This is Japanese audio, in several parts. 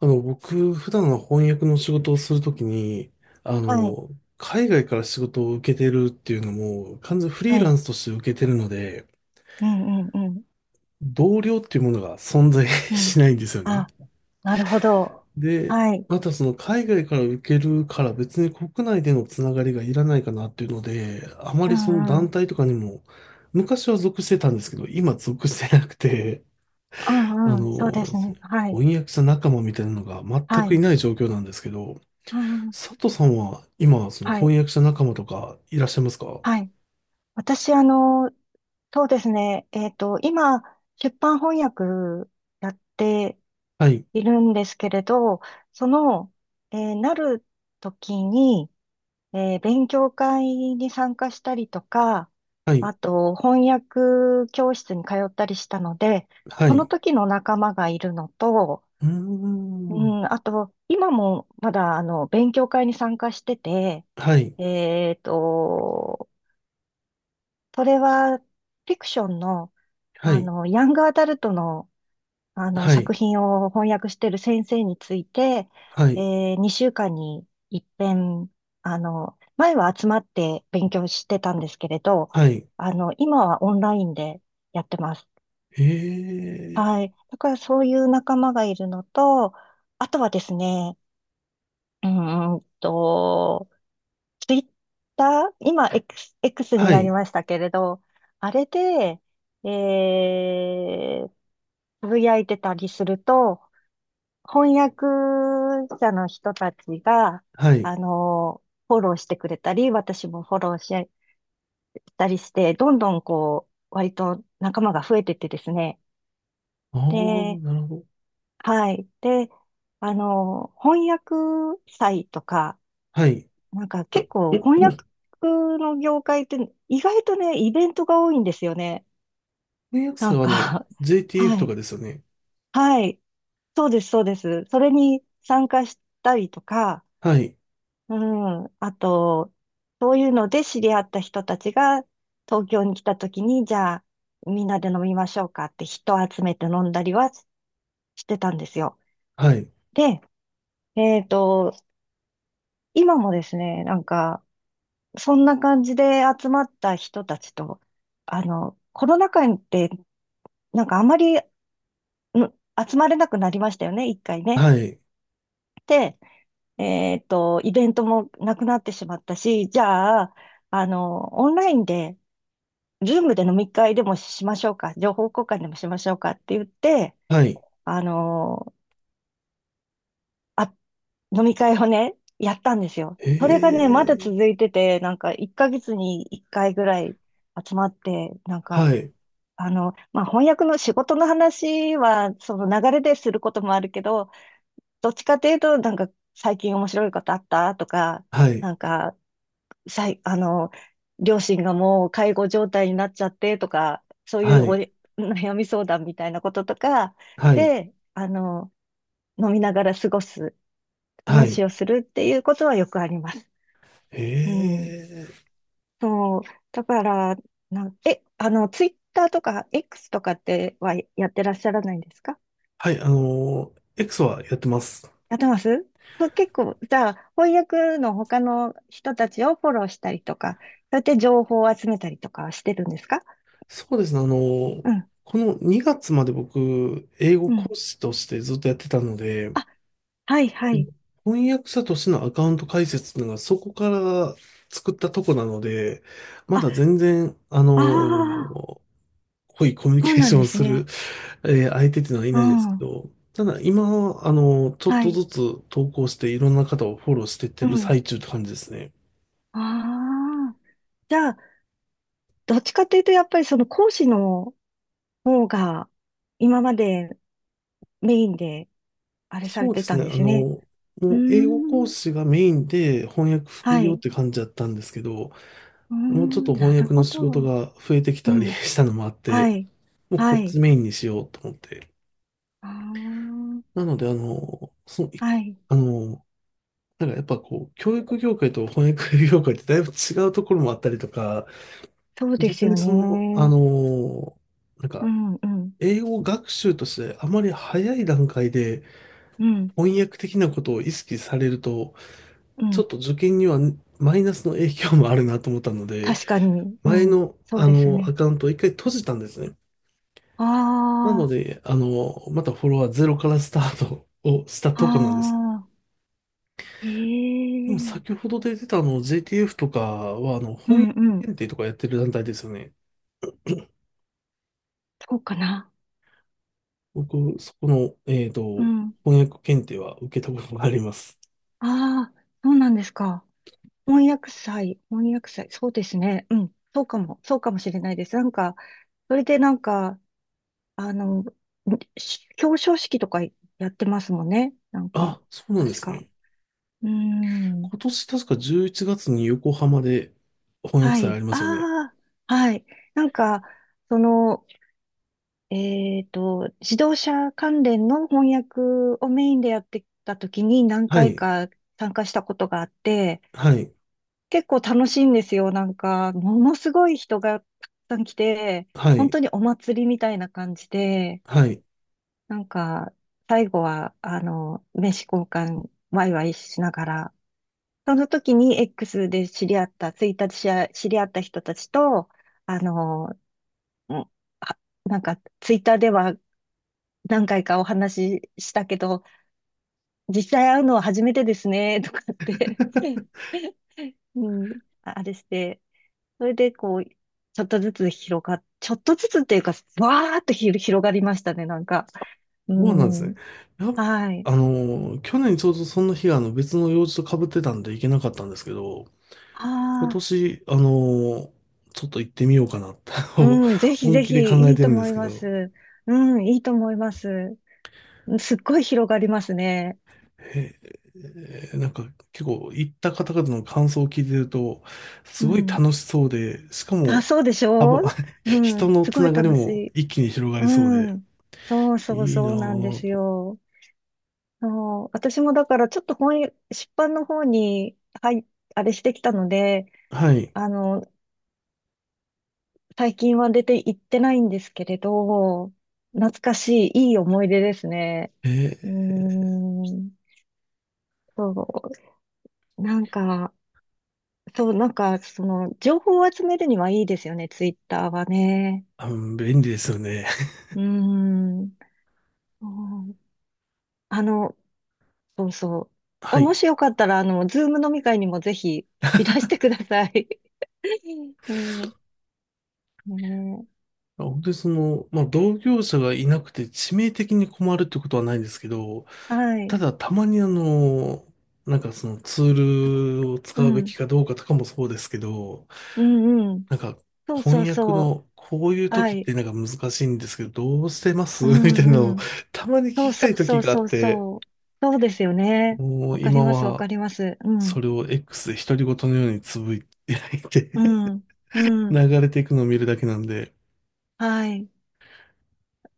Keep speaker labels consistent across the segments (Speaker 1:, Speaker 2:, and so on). Speaker 1: 僕、普段の翻訳の仕事をするときに、あ
Speaker 2: はい、
Speaker 1: の、海外から仕事を受けてるっていうのも、完全フリ
Speaker 2: は
Speaker 1: ーラ
Speaker 2: い。
Speaker 1: ンスとして受けてるので、
Speaker 2: うん、うん、うん、
Speaker 1: 同僚っていうものが存在
Speaker 2: う
Speaker 1: し
Speaker 2: ん。
Speaker 1: ないんですよね。
Speaker 2: あ、なるほど。
Speaker 1: で、
Speaker 2: はい。
Speaker 1: またその海外から受けるから別に国内でのつながりがいらないかなっていうので、あま
Speaker 2: う
Speaker 1: りその
Speaker 2: ん、う
Speaker 1: 団
Speaker 2: ん。
Speaker 1: 体とかにも、昔は属してたんですけど、今属してなくて、
Speaker 2: う
Speaker 1: あ
Speaker 2: ん、うん。そうで
Speaker 1: の、
Speaker 2: すね。はい、
Speaker 1: 翻訳者仲間みたいなのが全
Speaker 2: は
Speaker 1: くい
Speaker 2: い。
Speaker 1: ない状況なんですけど、
Speaker 2: うん、うん。
Speaker 1: 佐藤さんは今、その
Speaker 2: は
Speaker 1: 翻
Speaker 2: い、
Speaker 1: 訳者仲間とかいらっしゃいますか？
Speaker 2: はい。私、そうですね。今、出版翻訳やって
Speaker 1: はい、
Speaker 2: いるんですけれど、その、なる時に、勉強会に参加したりとか、
Speaker 1: はい、
Speaker 2: あと翻訳教室に通ったりしたので、
Speaker 1: は
Speaker 2: その
Speaker 1: い。
Speaker 2: 時の仲間がいるのと、
Speaker 1: うー
Speaker 2: う
Speaker 1: ん。
Speaker 2: ん、あと、今もまだあの勉強会に参加してて、
Speaker 1: はい、
Speaker 2: えっと、それはフィクションの、
Speaker 1: はい、
Speaker 2: ヤングアダルトの
Speaker 1: は
Speaker 2: 作
Speaker 1: い、
Speaker 2: 品を翻訳している先生について、
Speaker 1: は
Speaker 2: え
Speaker 1: い、
Speaker 2: 2週間に一遍、前は集まって勉強してたんですけれど、
Speaker 1: はい。
Speaker 2: 今はオンラインでやってます。
Speaker 1: ええ、
Speaker 2: はい。だからそういう仲間がいるのと、あとはですね、うーんと、ツイッター、今 X に
Speaker 1: は
Speaker 2: なり
Speaker 1: い、
Speaker 2: ましたけれど、あれで、えー、つぶやいてたりすると、翻訳者の人たちが、
Speaker 1: はい。
Speaker 2: あの、フォローしてくれたり、私もフォローしたりして、どんどんこう、割と仲間が増えてってですね。
Speaker 1: ああ、
Speaker 2: で、
Speaker 1: なるほど。
Speaker 2: はい。で、翻訳祭とか、
Speaker 1: はい。
Speaker 2: なんか結構翻訳の業界って意外とね、イベントが多いんですよね。
Speaker 1: 翻訳
Speaker 2: な
Speaker 1: 者
Speaker 2: ん
Speaker 1: はあ
Speaker 2: か
Speaker 1: の、JTF
Speaker 2: は
Speaker 1: と
Speaker 2: い。
Speaker 1: かですよね。
Speaker 2: はい。そうです、そうです。それに参加したりとか、
Speaker 1: はい、
Speaker 2: うん。あと、そういうので知り合った人たちが東京に来た時に、じゃあみんなで飲みましょうかって人を集めて飲んだりはしてたんですよ。
Speaker 1: はい、
Speaker 2: で、えっと、今もですね、なんか、そんな感じで集まった人たちと、コロナ禍にって、なんかあまり、集まれなくなりましたよね、一回ね。
Speaker 1: はい、
Speaker 2: で、イベントもなくなってしまったし、じゃあ、オンラインで、ズームで飲み会でもしましょうか、情報交換でもしましょうかって言って、
Speaker 1: はい。
Speaker 2: あのーあ、飲み会をね、やったんですよ。それがね、
Speaker 1: え
Speaker 2: まだ
Speaker 1: え、
Speaker 2: 続いてて、なんか1ヶ月に1回ぐらい集まって、なんか、
Speaker 1: はい、
Speaker 2: まあ、翻訳の仕事の話は、その流れですることもあるけど、どっちかというと、なんか最近面白いことあったとか、
Speaker 1: はい、
Speaker 2: なんかさい、あの、両親がもう介護状態になっちゃってとか、そうい
Speaker 1: は
Speaker 2: う
Speaker 1: い、
Speaker 2: 悩み相談みたいなこととか
Speaker 1: はい、
Speaker 2: で、飲みながら過ごす、
Speaker 1: は
Speaker 2: 話
Speaker 1: い。
Speaker 2: をするっていうことはよくあります。うん。
Speaker 1: ええ、
Speaker 2: そう。だから、ツイッターとか X とかってはやってらっしゃらないんですか？
Speaker 1: はい、あのー X はやってます。
Speaker 2: やってます？そう、結構、じゃあ、翻訳の他の人たちをフォローしたりとか、そうやって情報を集めたりとかはしてるんですか？
Speaker 1: そうですね。あの、
Speaker 2: うん。
Speaker 1: この2月まで僕、英語
Speaker 2: うん。
Speaker 1: 講師としてずっとやってたので、
Speaker 2: はいはい。
Speaker 1: 翻訳者としてのアカウント開設っていうのがそこから作ったとこなので、ま
Speaker 2: あ、
Speaker 1: だ全然、あの、
Speaker 2: ああ、
Speaker 1: 濃いコミュニ
Speaker 2: そう
Speaker 1: ケー
Speaker 2: な
Speaker 1: シ
Speaker 2: ん
Speaker 1: ョン
Speaker 2: で
Speaker 1: を
Speaker 2: す
Speaker 1: する、
Speaker 2: ね。
Speaker 1: 相手っていうのはい
Speaker 2: う
Speaker 1: ないんですけ
Speaker 2: ん。
Speaker 1: ど、ただ今、あの、ちょっ
Speaker 2: は
Speaker 1: と
Speaker 2: い。
Speaker 1: ずつ投稿していろんな方をフォローしていって
Speaker 2: う
Speaker 1: る
Speaker 2: ん。
Speaker 1: 最中って感じですね。
Speaker 2: ああ。じゃあ、どっちかというと、やっぱりその講師の方が、今までメインで、あれさ
Speaker 1: そ
Speaker 2: れ
Speaker 1: うで
Speaker 2: て
Speaker 1: す
Speaker 2: たん
Speaker 1: ね。
Speaker 2: で
Speaker 1: あ
Speaker 2: すね。
Speaker 1: の、
Speaker 2: うー
Speaker 1: もう英語講
Speaker 2: ん。
Speaker 1: 師がメインで翻訳副
Speaker 2: は
Speaker 1: 業っ
Speaker 2: い。
Speaker 1: て感じだったんですけど、
Speaker 2: うー
Speaker 1: もうちょっと
Speaker 2: ん。な
Speaker 1: 翻
Speaker 2: る
Speaker 1: 訳の
Speaker 2: ほ
Speaker 1: 仕事
Speaker 2: ど。
Speaker 1: が増えてき
Speaker 2: う
Speaker 1: たり
Speaker 2: ん。
Speaker 1: したのもあっ
Speaker 2: は
Speaker 1: て、
Speaker 2: い。
Speaker 1: もうこ
Speaker 2: は
Speaker 1: っち
Speaker 2: い。
Speaker 1: メインにしようと思って。
Speaker 2: あ
Speaker 1: なので、あの、その、
Speaker 2: あ。はい。
Speaker 1: あの、なんかやっぱこう、教育業界と翻訳業界ってだいぶ違うところもあったりとか、
Speaker 2: そうです
Speaker 1: 逆に
Speaker 2: よ
Speaker 1: その、あ
Speaker 2: ね。
Speaker 1: の、なん
Speaker 2: う
Speaker 1: か、
Speaker 2: ん、うん。
Speaker 1: 英語学習としてあまり早い段階で
Speaker 2: うん、
Speaker 1: 翻訳的なことを意識されると、
Speaker 2: う
Speaker 1: ちょ
Speaker 2: ん。
Speaker 1: っと受験にはマイナスの影響もあるなと思ったので、
Speaker 2: 確かに。う
Speaker 1: 前
Speaker 2: ん。
Speaker 1: の、
Speaker 2: そう
Speaker 1: あ
Speaker 2: です
Speaker 1: の、ア
Speaker 2: ね。
Speaker 1: カウントを一回閉じたんですね。
Speaker 2: あ
Speaker 1: なの
Speaker 2: あ。
Speaker 1: で、あの、またフォロワーゼロからスタートをした
Speaker 2: あ
Speaker 1: とこなんです。
Speaker 2: あ、
Speaker 1: でも
Speaker 2: え
Speaker 1: 先
Speaker 2: え、
Speaker 1: ほど出てたあの JTF とかは、あの、
Speaker 2: う
Speaker 1: 翻
Speaker 2: ん
Speaker 1: 訳
Speaker 2: うん。
Speaker 1: 検定とかやってる団体ですよね。
Speaker 2: そうかな。
Speaker 1: 僕、そこの、えっ
Speaker 2: う
Speaker 1: と、
Speaker 2: ん。
Speaker 1: 翻訳検定は受けたことがあります。
Speaker 2: ああ、そうなんですか。翻訳祭、翻訳祭、そうですね。うん。そうかも、そうかもしれないです。なんか、それでなんか、あの、表彰式とかやってますもんね。なんか、
Speaker 1: あ、そうなんで
Speaker 2: 確
Speaker 1: す
Speaker 2: か。
Speaker 1: ね。
Speaker 2: うーん。
Speaker 1: 今年確か11月に横浜で翻訳
Speaker 2: は
Speaker 1: 祭あ
Speaker 2: い。
Speaker 1: りますよね。
Speaker 2: ああ、はい。なんか、その、自動車関連の翻訳をメインでやってた時に何
Speaker 1: は
Speaker 2: 回
Speaker 1: い、
Speaker 2: か参加したことがあって、
Speaker 1: はい、
Speaker 2: 結構楽しいんですよ。なんか、ものすごい人がたくさん来て、
Speaker 1: は
Speaker 2: 本
Speaker 1: い、
Speaker 2: 当にお祭りみたいな感じで、
Speaker 1: はい。
Speaker 2: なんか、最後は、名刺交換、ワイワイしながら、その時に X で知り合った、ツイッターで知り合った人たちと、あの、うんあなんか、ツイッターでは何回かお話ししたけど、実際会うのは初めてですね、とかって うん、あれして、それでこう、ちょっとずつっていうか、わーっと広がりましたね、なんか。う
Speaker 1: そうなんですね。
Speaker 2: ん、
Speaker 1: やっ
Speaker 2: はい。
Speaker 1: あの、去年ちょうどその日があの別の用事と被ってたんで行けなかったんですけど、今
Speaker 2: ああ、
Speaker 1: 年、ーちょっと行ってみようかなと
Speaker 2: うん、ぜ ひ
Speaker 1: 本
Speaker 2: ぜ
Speaker 1: 気で考
Speaker 2: ひい
Speaker 1: え
Speaker 2: い
Speaker 1: て
Speaker 2: と
Speaker 1: るんで
Speaker 2: 思
Speaker 1: す
Speaker 2: い
Speaker 1: け
Speaker 2: ま
Speaker 1: ど、
Speaker 2: す。うん、いいと思います。すっごい広がりますね。
Speaker 1: ええ、なんか結構行った方々の感想を聞いてると、す
Speaker 2: う
Speaker 1: ごい
Speaker 2: ん。
Speaker 1: 楽しそうで、しか
Speaker 2: あ、
Speaker 1: も、
Speaker 2: そうでしょ
Speaker 1: 幅
Speaker 2: う？ う
Speaker 1: 人
Speaker 2: ん、
Speaker 1: の
Speaker 2: す
Speaker 1: つ
Speaker 2: ご
Speaker 1: な
Speaker 2: い
Speaker 1: がり
Speaker 2: 楽し
Speaker 1: も
Speaker 2: い。
Speaker 1: 一気に広がりそうで、
Speaker 2: うん。そうそう
Speaker 1: いいな
Speaker 2: そうなんで
Speaker 1: ぁ
Speaker 2: す
Speaker 1: と。
Speaker 2: よ。そう、私もだからちょっと本屋、出版の方に、はい、あれしてきたので、
Speaker 1: はい。
Speaker 2: あの、最近は出て行ってないんですけれど、懐かしい、いい思い出ですね。
Speaker 1: え
Speaker 2: うー
Speaker 1: ー
Speaker 2: ん、そう、なんか、そう、なんか、その、情報を集めるにはいいですよね、ツイッターはね。
Speaker 1: あの便利ですよね。
Speaker 2: うーん、そう、あの、そうそう。あ、
Speaker 1: はい。
Speaker 2: もしよかったら、ズーム飲み会にもぜひいらしてください。うん、ねえ、
Speaker 1: 本当にその、まあ、同業者がいなくて致命的に困るってことはないんですけど、
Speaker 2: は
Speaker 1: た
Speaker 2: い。
Speaker 1: だ、たまにあの、なんかそのツールを使
Speaker 2: う
Speaker 1: うべき
Speaker 2: ん。
Speaker 1: かどうかとかもそうですけど、
Speaker 2: うんうん。
Speaker 1: なんか
Speaker 2: そうそう
Speaker 1: 翻訳
Speaker 2: そう。
Speaker 1: のこういう
Speaker 2: は
Speaker 1: 時っ
Speaker 2: い。
Speaker 1: てなんか難しいんですけど、どうしてます
Speaker 2: う
Speaker 1: みたいなの
Speaker 2: ん
Speaker 1: を
Speaker 2: うん。
Speaker 1: たまに聞
Speaker 2: そう
Speaker 1: き
Speaker 2: そ
Speaker 1: た
Speaker 2: う
Speaker 1: い
Speaker 2: そ
Speaker 1: 時
Speaker 2: う
Speaker 1: があっ
Speaker 2: そう
Speaker 1: て、
Speaker 2: そう。そうですよね。
Speaker 1: も
Speaker 2: わ
Speaker 1: う
Speaker 2: かり
Speaker 1: 今
Speaker 2: ます、わか
Speaker 1: は
Speaker 2: ります。う
Speaker 1: そ
Speaker 2: ん。
Speaker 1: れを X で独り言のようにつぶやいて
Speaker 2: うん。うん。
Speaker 1: 流れていくのを見るだけなんで、
Speaker 2: はい。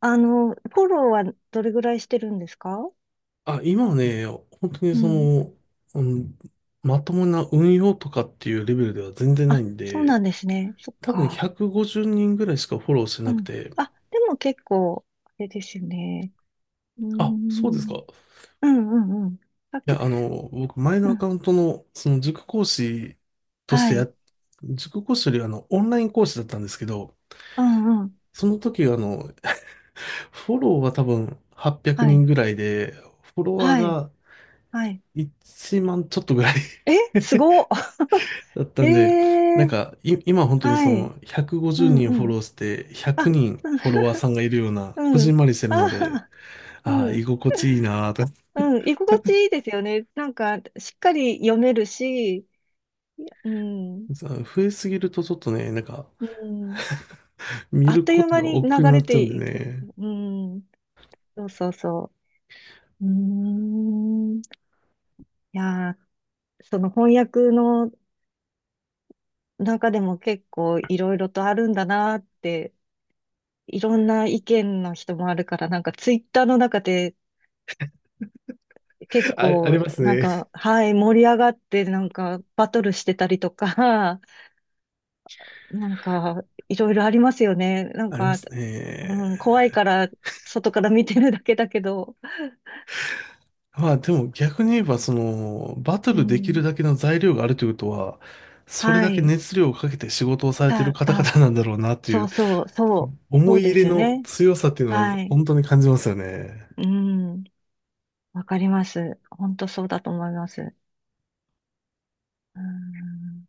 Speaker 2: フォローはどれぐらいしてるんですか？
Speaker 1: あ、今はね、本当に
Speaker 2: う
Speaker 1: そ
Speaker 2: ん。
Speaker 1: の、うん、まともな運用とかっていうレベルでは全然ない
Speaker 2: あ、
Speaker 1: ん
Speaker 2: そう
Speaker 1: で、
Speaker 2: なんですね。そっ
Speaker 1: 多分
Speaker 2: か。
Speaker 1: 150人ぐらいしかフォローして
Speaker 2: う
Speaker 1: なく
Speaker 2: ん。
Speaker 1: て、
Speaker 2: あ、でも結構、あれですよね。うー
Speaker 1: あ、そうですか。
Speaker 2: ん。
Speaker 1: い
Speaker 2: うんうんうん。100、
Speaker 1: や、あの、僕、前の
Speaker 2: う
Speaker 1: アカ
Speaker 2: ん。
Speaker 1: ウントの、その塾講師とし
Speaker 2: は
Speaker 1: てや、
Speaker 2: い。
Speaker 1: 塾講師よりあの、オンライン講師だったんですけど、
Speaker 2: うんうん。
Speaker 1: その時、あの、フォローは多分800
Speaker 2: は
Speaker 1: 人
Speaker 2: い。
Speaker 1: ぐらいで、フォロワー
Speaker 2: はい。
Speaker 1: が
Speaker 2: はい。
Speaker 1: 1万ちょっとぐらい
Speaker 2: え、すごっ。
Speaker 1: だった
Speaker 2: え
Speaker 1: んで、なん
Speaker 2: え、
Speaker 1: か、今本当にそ
Speaker 2: はい。
Speaker 1: の
Speaker 2: う
Speaker 1: 150
Speaker 2: ん
Speaker 1: 人フ
Speaker 2: う
Speaker 1: ォ
Speaker 2: ん。
Speaker 1: ローして100
Speaker 2: あ、
Speaker 1: 人フォロワ ーさんがいるような、
Speaker 2: う
Speaker 1: こ
Speaker 2: ん、う
Speaker 1: じ
Speaker 2: ん。
Speaker 1: んまりしてるので、
Speaker 2: あー、
Speaker 1: あ
Speaker 2: う
Speaker 1: あ、
Speaker 2: ん。
Speaker 1: 居心地いいなぁと、
Speaker 2: うん、居心地いいですよね。なんか、しっかり読めるし、いや、うん、
Speaker 1: 増えすぎるとちょっとね、なんか、
Speaker 2: うん。
Speaker 1: 見
Speaker 2: あっ
Speaker 1: る
Speaker 2: とい
Speaker 1: こ
Speaker 2: う
Speaker 1: と
Speaker 2: 間
Speaker 1: が
Speaker 2: に流
Speaker 1: 億劫になっ
Speaker 2: れ
Speaker 1: ちゃう
Speaker 2: て
Speaker 1: んで
Speaker 2: いくでし
Speaker 1: ね。
Speaker 2: ょ？うん、そうそうそう。うーん。いやー、その翻訳の中でも結構いろいろとあるんだなーって、いろんな意見の人もあるから、なんかツイッターの中で結
Speaker 1: あ、あり
Speaker 2: 構、
Speaker 1: ます
Speaker 2: なん
Speaker 1: ね。
Speaker 2: か、はい、盛り上がって、なんか、バトルしてたりとか、なんか、いろいろありますよね。な ん
Speaker 1: ありま
Speaker 2: か、
Speaker 1: す
Speaker 2: う
Speaker 1: ね。
Speaker 2: ん、怖いから、外から見てるだけだけど、
Speaker 1: まあでも逆に言えば、その、バト
Speaker 2: う
Speaker 1: ルできる
Speaker 2: ん、
Speaker 1: だけの材料があるということは、それだ
Speaker 2: は
Speaker 1: け
Speaker 2: い。
Speaker 1: 熱量をかけて仕事をされ
Speaker 2: じ
Speaker 1: てい
Speaker 2: ゃ
Speaker 1: る
Speaker 2: あ、
Speaker 1: 方々
Speaker 2: あ、
Speaker 1: なんだろうなってい
Speaker 2: そ
Speaker 1: う、
Speaker 2: うそう、そう、そ
Speaker 1: 思
Speaker 2: う
Speaker 1: い
Speaker 2: で
Speaker 1: 入れ
Speaker 2: すよ
Speaker 1: の
Speaker 2: ね。
Speaker 1: 強さっていうのは
Speaker 2: はい。
Speaker 1: 本当に感じますよね。
Speaker 2: うん、わかります。本当そうだと思います。うん